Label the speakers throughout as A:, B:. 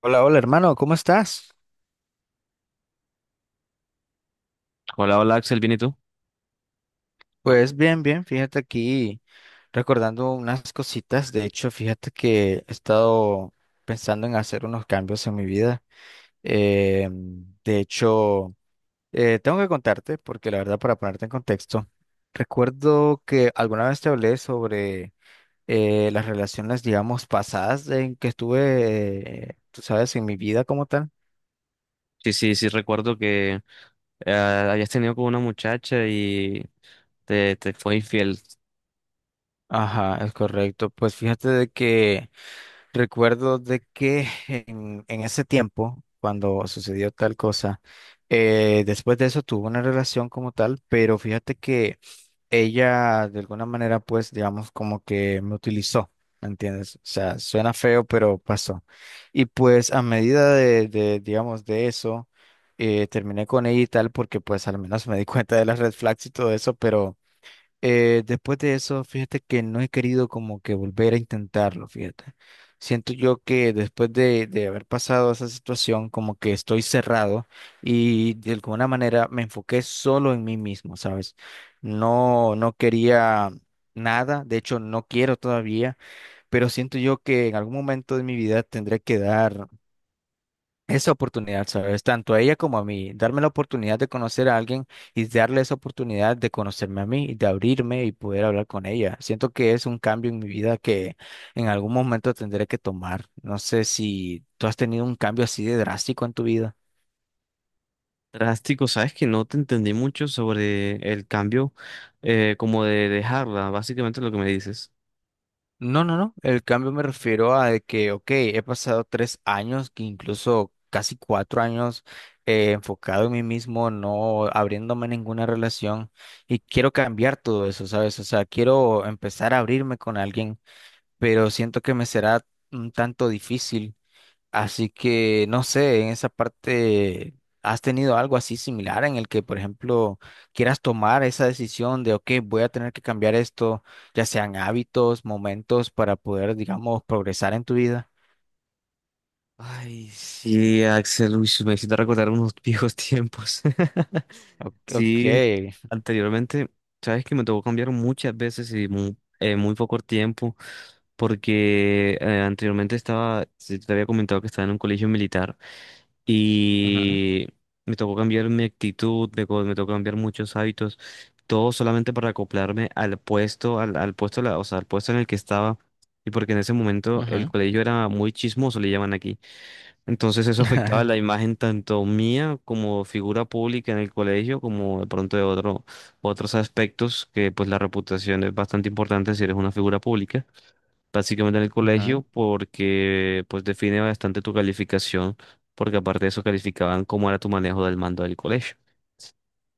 A: Hola, hola hermano, ¿cómo estás?
B: Hola, hola Axel, ¿bien y tú?
A: Pues bien, bien, fíjate aquí recordando unas cositas. De hecho, fíjate que he estado pensando en hacer unos cambios en mi vida. Eh, de hecho, tengo que contarte, porque la verdad, para ponerte en contexto, recuerdo que alguna vez te hablé sobre las relaciones, digamos, pasadas en que estuve, tú sabes, en mi vida como tal.
B: Sí, sí, sí, recuerdo que habías tenido con una muchacha y te fue infiel.
A: Ajá, es correcto. Pues fíjate de que. Recuerdo de que en ese tiempo, cuando sucedió tal cosa, después de eso tuvo una relación como tal, pero fíjate que ella de alguna manera, pues, digamos, como que me utilizó, ¿me entiendes? O sea, suena feo, pero pasó. Y pues a medida de, digamos, de eso, terminé con ella y tal, porque pues al menos me di cuenta de las red flags y todo eso, pero. Después de eso, fíjate que no he querido como que volver a intentarlo, fíjate. Siento yo que después de haber pasado esa situación, como que estoy cerrado y de alguna manera me enfoqué solo en mí mismo, ¿sabes? No, no quería nada, de hecho no quiero todavía, pero siento yo que en algún momento de mi vida tendré que dar esa oportunidad, ¿sabes? Tanto a ella como a mí, darme la oportunidad de conocer a alguien y darle esa oportunidad de conocerme a mí y de abrirme y poder hablar con ella. Siento que es un cambio en mi vida que en algún momento tendré que tomar. No sé si tú has tenido un cambio así de drástico en tu vida.
B: Drástico, sabes que no te entendí mucho sobre el cambio, como de dejarla, básicamente lo que me dices.
A: No, no, no. El cambio me refiero a de que, ok, he pasado 3 años, que incluso casi 4 años enfocado en mí mismo, no abriéndome a ninguna relación y quiero cambiar todo eso, ¿sabes? O sea, quiero empezar a abrirme con alguien, pero siento que me será un tanto difícil. Así que, no sé, en esa parte, ¿has tenido algo así similar en el que, por ejemplo, quieras tomar esa decisión de, ok, voy a tener que cambiar esto, ya sean hábitos, momentos, para poder, digamos, progresar en tu vida?
B: Ay, sí, Axel, uy, me hiciste recordar unos viejos tiempos.
A: Ok. Ok.
B: Sí, anteriormente, sabes que me tocó cambiar muchas veces y muy, muy poco tiempo, porque anteriormente estaba, sí, te había comentado que estaba en un colegio militar,
A: Ujú.
B: y me tocó cambiar mi actitud, me tocó cambiar muchos hábitos, todo solamente para acoplarme al puesto, al puesto, o sea, al puesto en el que estaba, y porque en ese momento el
A: Ujú.
B: colegio era muy chismoso, le llaman aquí. Entonces eso afectaba la imagen tanto mía como figura pública en el colegio, como de pronto de otro, otros aspectos, que pues la reputación es bastante importante si eres una figura pública, básicamente en el colegio,
A: Ujú.
B: porque pues define bastante tu calificación, porque aparte de eso calificaban cómo era tu manejo del mando del colegio.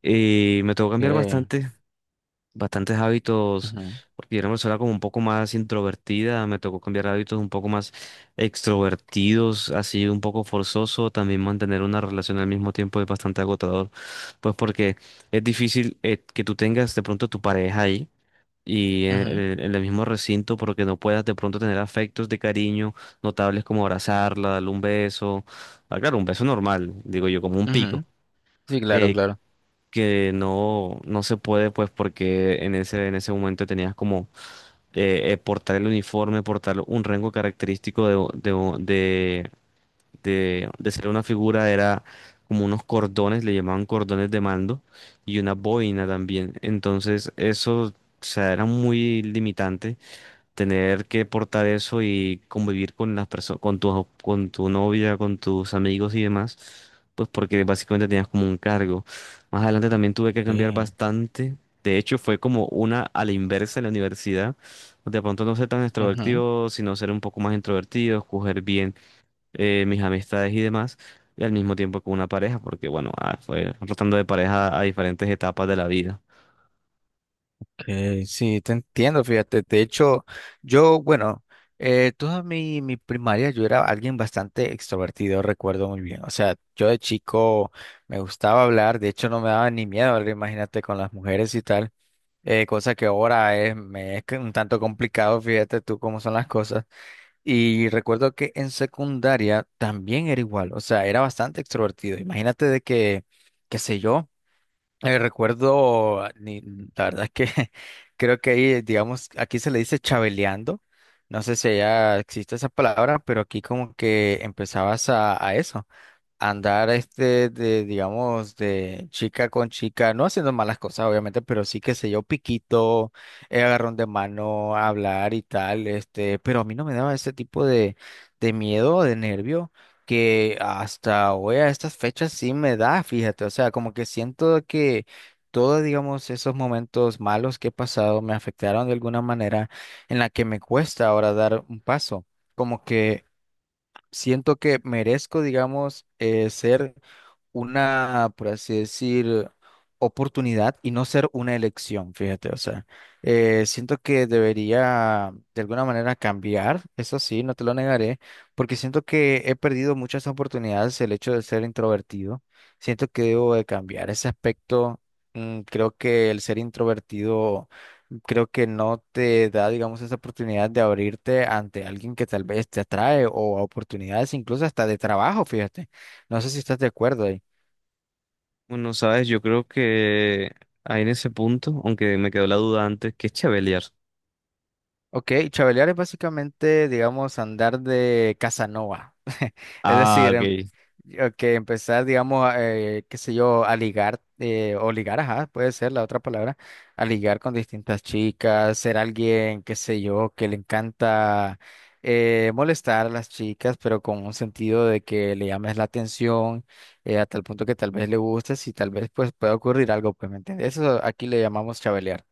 B: Y me tocó cambiar
A: Ok.
B: bastantes hábitos,
A: Ujú.
B: porque yo era una persona como un poco más introvertida, me tocó cambiar hábitos un poco más extrovertidos, así un poco forzoso. También mantener una relación al mismo tiempo es bastante agotador, pues porque es difícil que tú tengas de pronto tu pareja ahí. Y
A: Ujú.
B: en el mismo recinto, porque no puedas de pronto tener afectos de cariño notables como abrazarla, darle un beso. Ah, claro, un beso normal, digo yo, como un pico,
A: Ujú. Sí, claro,
B: eh,
A: claro.
B: que no, no se puede, pues porque en en ese momento tenías como portar el uniforme, portar un rango característico de ser una figura. Era como unos cordones, le llamaban cordones de mando, y una boina también. Entonces eso, o sea, era muy limitante tener que portar eso y convivir con las personas, con tu novia, con tus amigos y demás, pues porque básicamente tenías como un cargo. Más adelante también tuve que
A: Ok.
B: cambiar bastante. De hecho, fue como una a la inversa en la universidad. De pronto no ser tan
A: Ujú.
B: extrovertido, sino ser un poco más introvertido, escoger bien mis amistades y demás. Y al mismo tiempo con una pareja, porque bueno, ah, fue rotando de pareja a diferentes etapas de la vida.
A: Sí, te entiendo, fíjate. De hecho, yo, bueno, toda mi primaria yo era alguien bastante extrovertido, recuerdo muy bien. O sea, yo de chico me gustaba hablar, de hecho no me daba ni miedo hablar, imagínate, con las mujeres y tal. Cosa que ahora es, me es que un tanto complicado, fíjate tú cómo son las cosas. Y recuerdo que en secundaria también era igual, o sea, era bastante extrovertido. Imagínate de que, qué sé yo. Recuerdo, la verdad es que creo que ahí, digamos, aquí se le dice chabeleando. No sé si allá existe esa palabra, pero aquí como que empezabas a eso andar este de, digamos, de chica con chica, no haciendo malas cosas, obviamente, pero sí que sé yo, piquito, agarrón de mano, hablar y tal, este, pero a mí no me daba ese tipo de miedo, de nervio, que hasta hoy a estas fechas sí me da, fíjate, o sea, como que siento que todos, digamos, esos momentos malos que he pasado me afectaron de alguna manera en la que me cuesta ahora dar un paso. Como que siento que merezco, digamos, ser una, por así decir, oportunidad y no ser una elección, fíjate, o sea, siento que debería de alguna manera cambiar, eso sí, no te lo negaré, porque siento que he perdido muchas oportunidades el hecho de ser introvertido, siento que debo de cambiar ese aspecto, creo que el ser introvertido creo que no te da, digamos, esa oportunidad de abrirte ante alguien que tal vez te atrae o a oportunidades incluso hasta de trabajo, fíjate. No sé si estás de acuerdo ahí.
B: Bueno, sabes, yo creo que ahí en ese punto, aunque me quedó la duda antes, que es Chevalier?
A: Ok, chavalear es básicamente, digamos, andar de Casanova. Es
B: Ah,
A: decir,
B: ok.
A: que empezar, digamos, qué sé yo, a ligar, o ligar, ajá, puede ser la otra palabra, a ligar con distintas chicas, ser alguien, qué sé yo, que le encanta molestar a las chicas, pero con un sentido de que le llames la atención, a tal punto que tal vez le gustes y tal vez pues pueda ocurrir algo, pues, ¿me entiendes? Eso aquí le llamamos chabelear.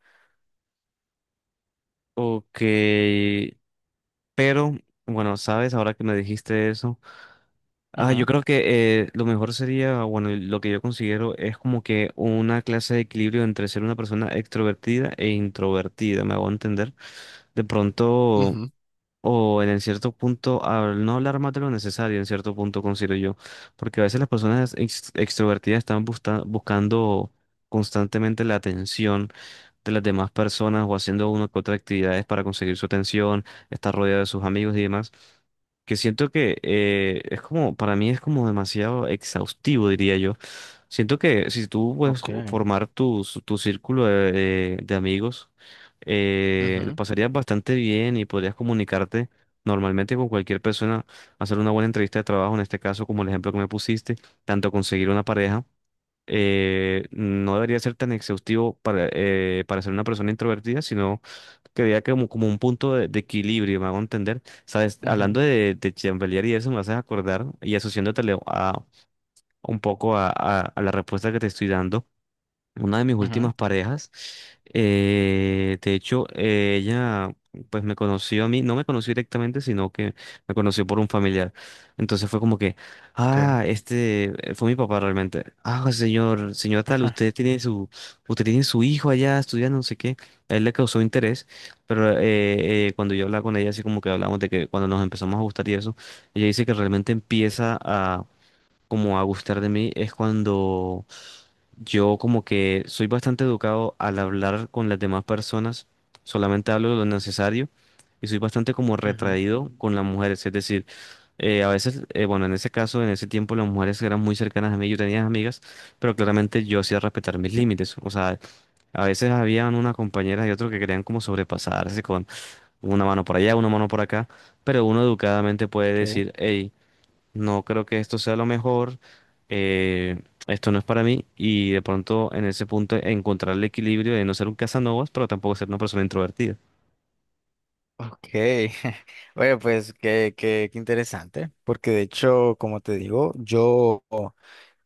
B: Ok, pero bueno, sabes, ahora que me dijiste eso, ah, yo
A: Ujú.
B: creo que, lo mejor sería, bueno, lo que yo considero es como que una clase de equilibrio entre ser una persona extrovertida e introvertida, me hago entender. De pronto.
A: Ujú.
B: O en cierto punto, al no hablar más de lo necesario, en cierto punto considero yo, porque a veces las personas extrovertidas están buscando constantemente la atención de las demás personas, o haciendo una que otra actividades para conseguir su atención, estar rodeado de sus amigos y demás, que siento que, es como, para mí es como demasiado exhaustivo, diría yo. Siento que si tú puedes
A: Ok.
B: formar tu círculo de amigos, lo
A: Ujú.
B: pasarías bastante bien y podrías comunicarte normalmente con cualquier persona, hacer una buena entrevista de trabajo, en este caso, como el ejemplo que me pusiste. Tanto conseguir una pareja no debería ser tan exhaustivo para ser una persona introvertida, sino que vea como, como un punto de equilibrio, me hago entender. Sabes,
A: Ujú.
B: hablando de chambelear y eso, me haces acordar y asociándotele a un poco a, a la respuesta que te estoy dando, una de mis
A: Ujú.
B: últimas parejas. Eh, de hecho, ella pues me conoció a mí, no me conoció directamente, sino que me conoció por un familiar. Entonces fue como que,
A: Ok.
B: ah, este, fue mi papá realmente. Ah, señor, señora tal, usted tiene su hijo allá estudiando, no sé qué. A él le causó interés, pero cuando yo hablaba con ella, así como que hablábamos de que cuando nos empezamos a gustar y eso, ella dice que realmente empieza a como a gustar de mí es cuando yo como que soy bastante educado al hablar con las demás personas, solamente hablo de lo necesario, y soy bastante como
A: Ujú.
B: retraído con las mujeres. Es decir, a veces, bueno, en ese caso, en ese tiempo las mujeres eran muy cercanas a mí, yo tenía amigas, pero claramente yo hacía respetar mis límites. O sea, a veces habían una compañera y otro que querían como sobrepasarse con una mano por allá, una mano por acá, pero uno educadamente puede
A: Ok.
B: decir, hey, no creo que esto sea lo mejor. eh, Esto no es para mí, y de pronto en ese punto encontrar el equilibrio de no ser un cazanovas pero tampoco ser una persona introvertida.
A: Ok. Oye, pues qué interesante, porque de hecho, como te digo, yo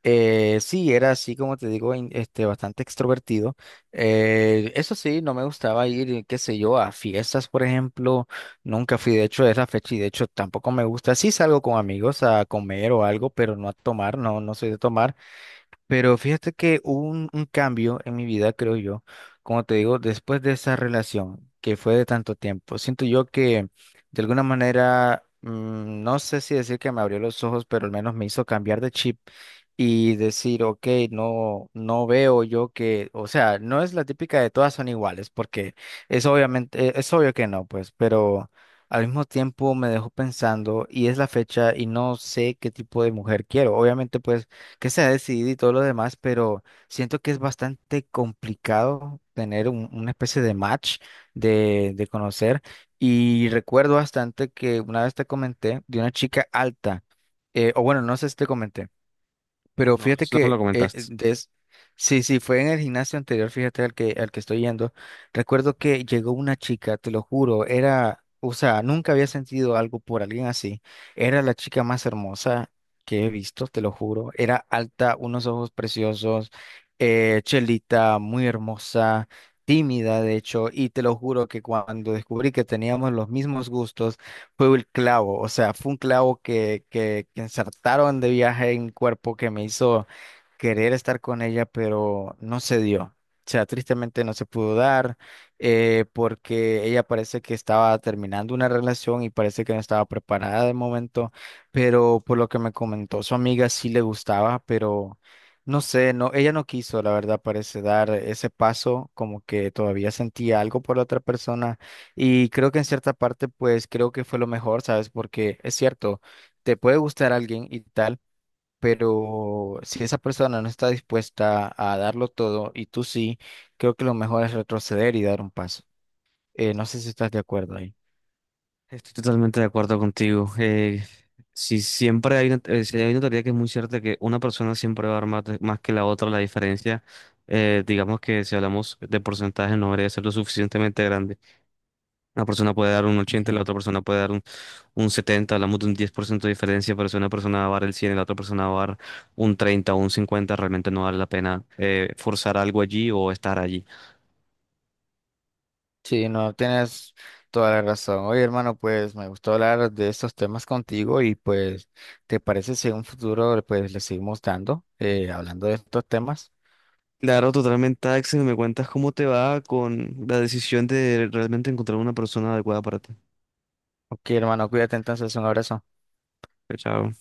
A: sí era así, como te digo, este, bastante extrovertido. Eso sí, no me gustaba ir, qué sé yo, a fiestas, por ejemplo. Nunca fui, de hecho, a esa fecha y de hecho tampoco me gusta. Sí salgo con amigos a comer o algo, pero no a tomar, no, no soy de tomar. Pero fíjate que hubo un cambio en mi vida, creo yo, como te digo, después de esa relación que fue de tanto tiempo. Siento yo que de alguna manera, no sé si decir que me abrió los ojos, pero al menos me hizo cambiar de chip y decir, ok, no, no veo yo que, o sea, no es la típica de todas son iguales, porque es obviamente, es obvio que no, pues, pero al mismo tiempo me dejó pensando y es la fecha y no sé qué tipo de mujer quiero. Obviamente, pues que se ha decidido y todo lo demás, pero siento que es bastante complicado tener una especie de match de conocer. Y recuerdo bastante que una vez te comenté de una chica alta, o bueno, no sé si te comenté. Pero
B: No,
A: fíjate
B: eso no me lo
A: que
B: comentaste.
A: sí, sí, fue en el gimnasio anterior, fíjate al que, estoy yendo. Recuerdo que llegó una chica, te lo juro, era, o sea, nunca había sentido algo por alguien así. Era la chica más hermosa que he visto, te lo juro. Era alta, unos ojos preciosos, chelita, muy hermosa, tímida, de hecho, y te lo juro que cuando descubrí que teníamos los mismos gustos, fue el clavo, o sea, fue un clavo que insertaron de viaje en mi cuerpo que me hizo querer estar con ella, pero no se dio. O sea, tristemente no se pudo dar porque ella parece que estaba terminando una relación y parece que no estaba preparada de momento, pero por lo que me comentó su amiga sí le gustaba, pero no sé, no, ella no quiso, la verdad, parece dar ese paso, como que todavía sentía algo por la otra persona y creo que en cierta parte pues creo que fue lo mejor, ¿sabes? Porque es cierto, te puede gustar alguien y tal pero si esa persona no está dispuesta a darlo todo y tú sí, creo que lo mejor es retroceder y dar un paso. No sé si estás de acuerdo ahí.
B: Estoy totalmente de acuerdo contigo. Si siempre hay una, si hay una teoría que es muy cierta, que una persona siempre va a dar más, más que la otra, la diferencia, digamos que si hablamos de porcentaje, no debería ser lo suficientemente grande. Una persona puede dar un 80, la
A: Ujú.
B: otra persona puede dar un 70, hablamos de un 10% de diferencia, pero si una persona va a dar el 100 y la otra persona va a dar un 30 o un 50, realmente no vale la pena forzar algo allí o estar allí.
A: Sí, no, tienes toda la razón. Oye, hermano, pues me gustó hablar de estos temas contigo y pues, ¿te parece si en un futuro pues le seguimos dando, hablando de estos temas?
B: Claro, totalmente, Axel, ¿me cuentas cómo te va con la decisión de realmente encontrar una persona adecuada para ti?
A: Ok, hermano, cuídate entonces, un abrazo.
B: Chao.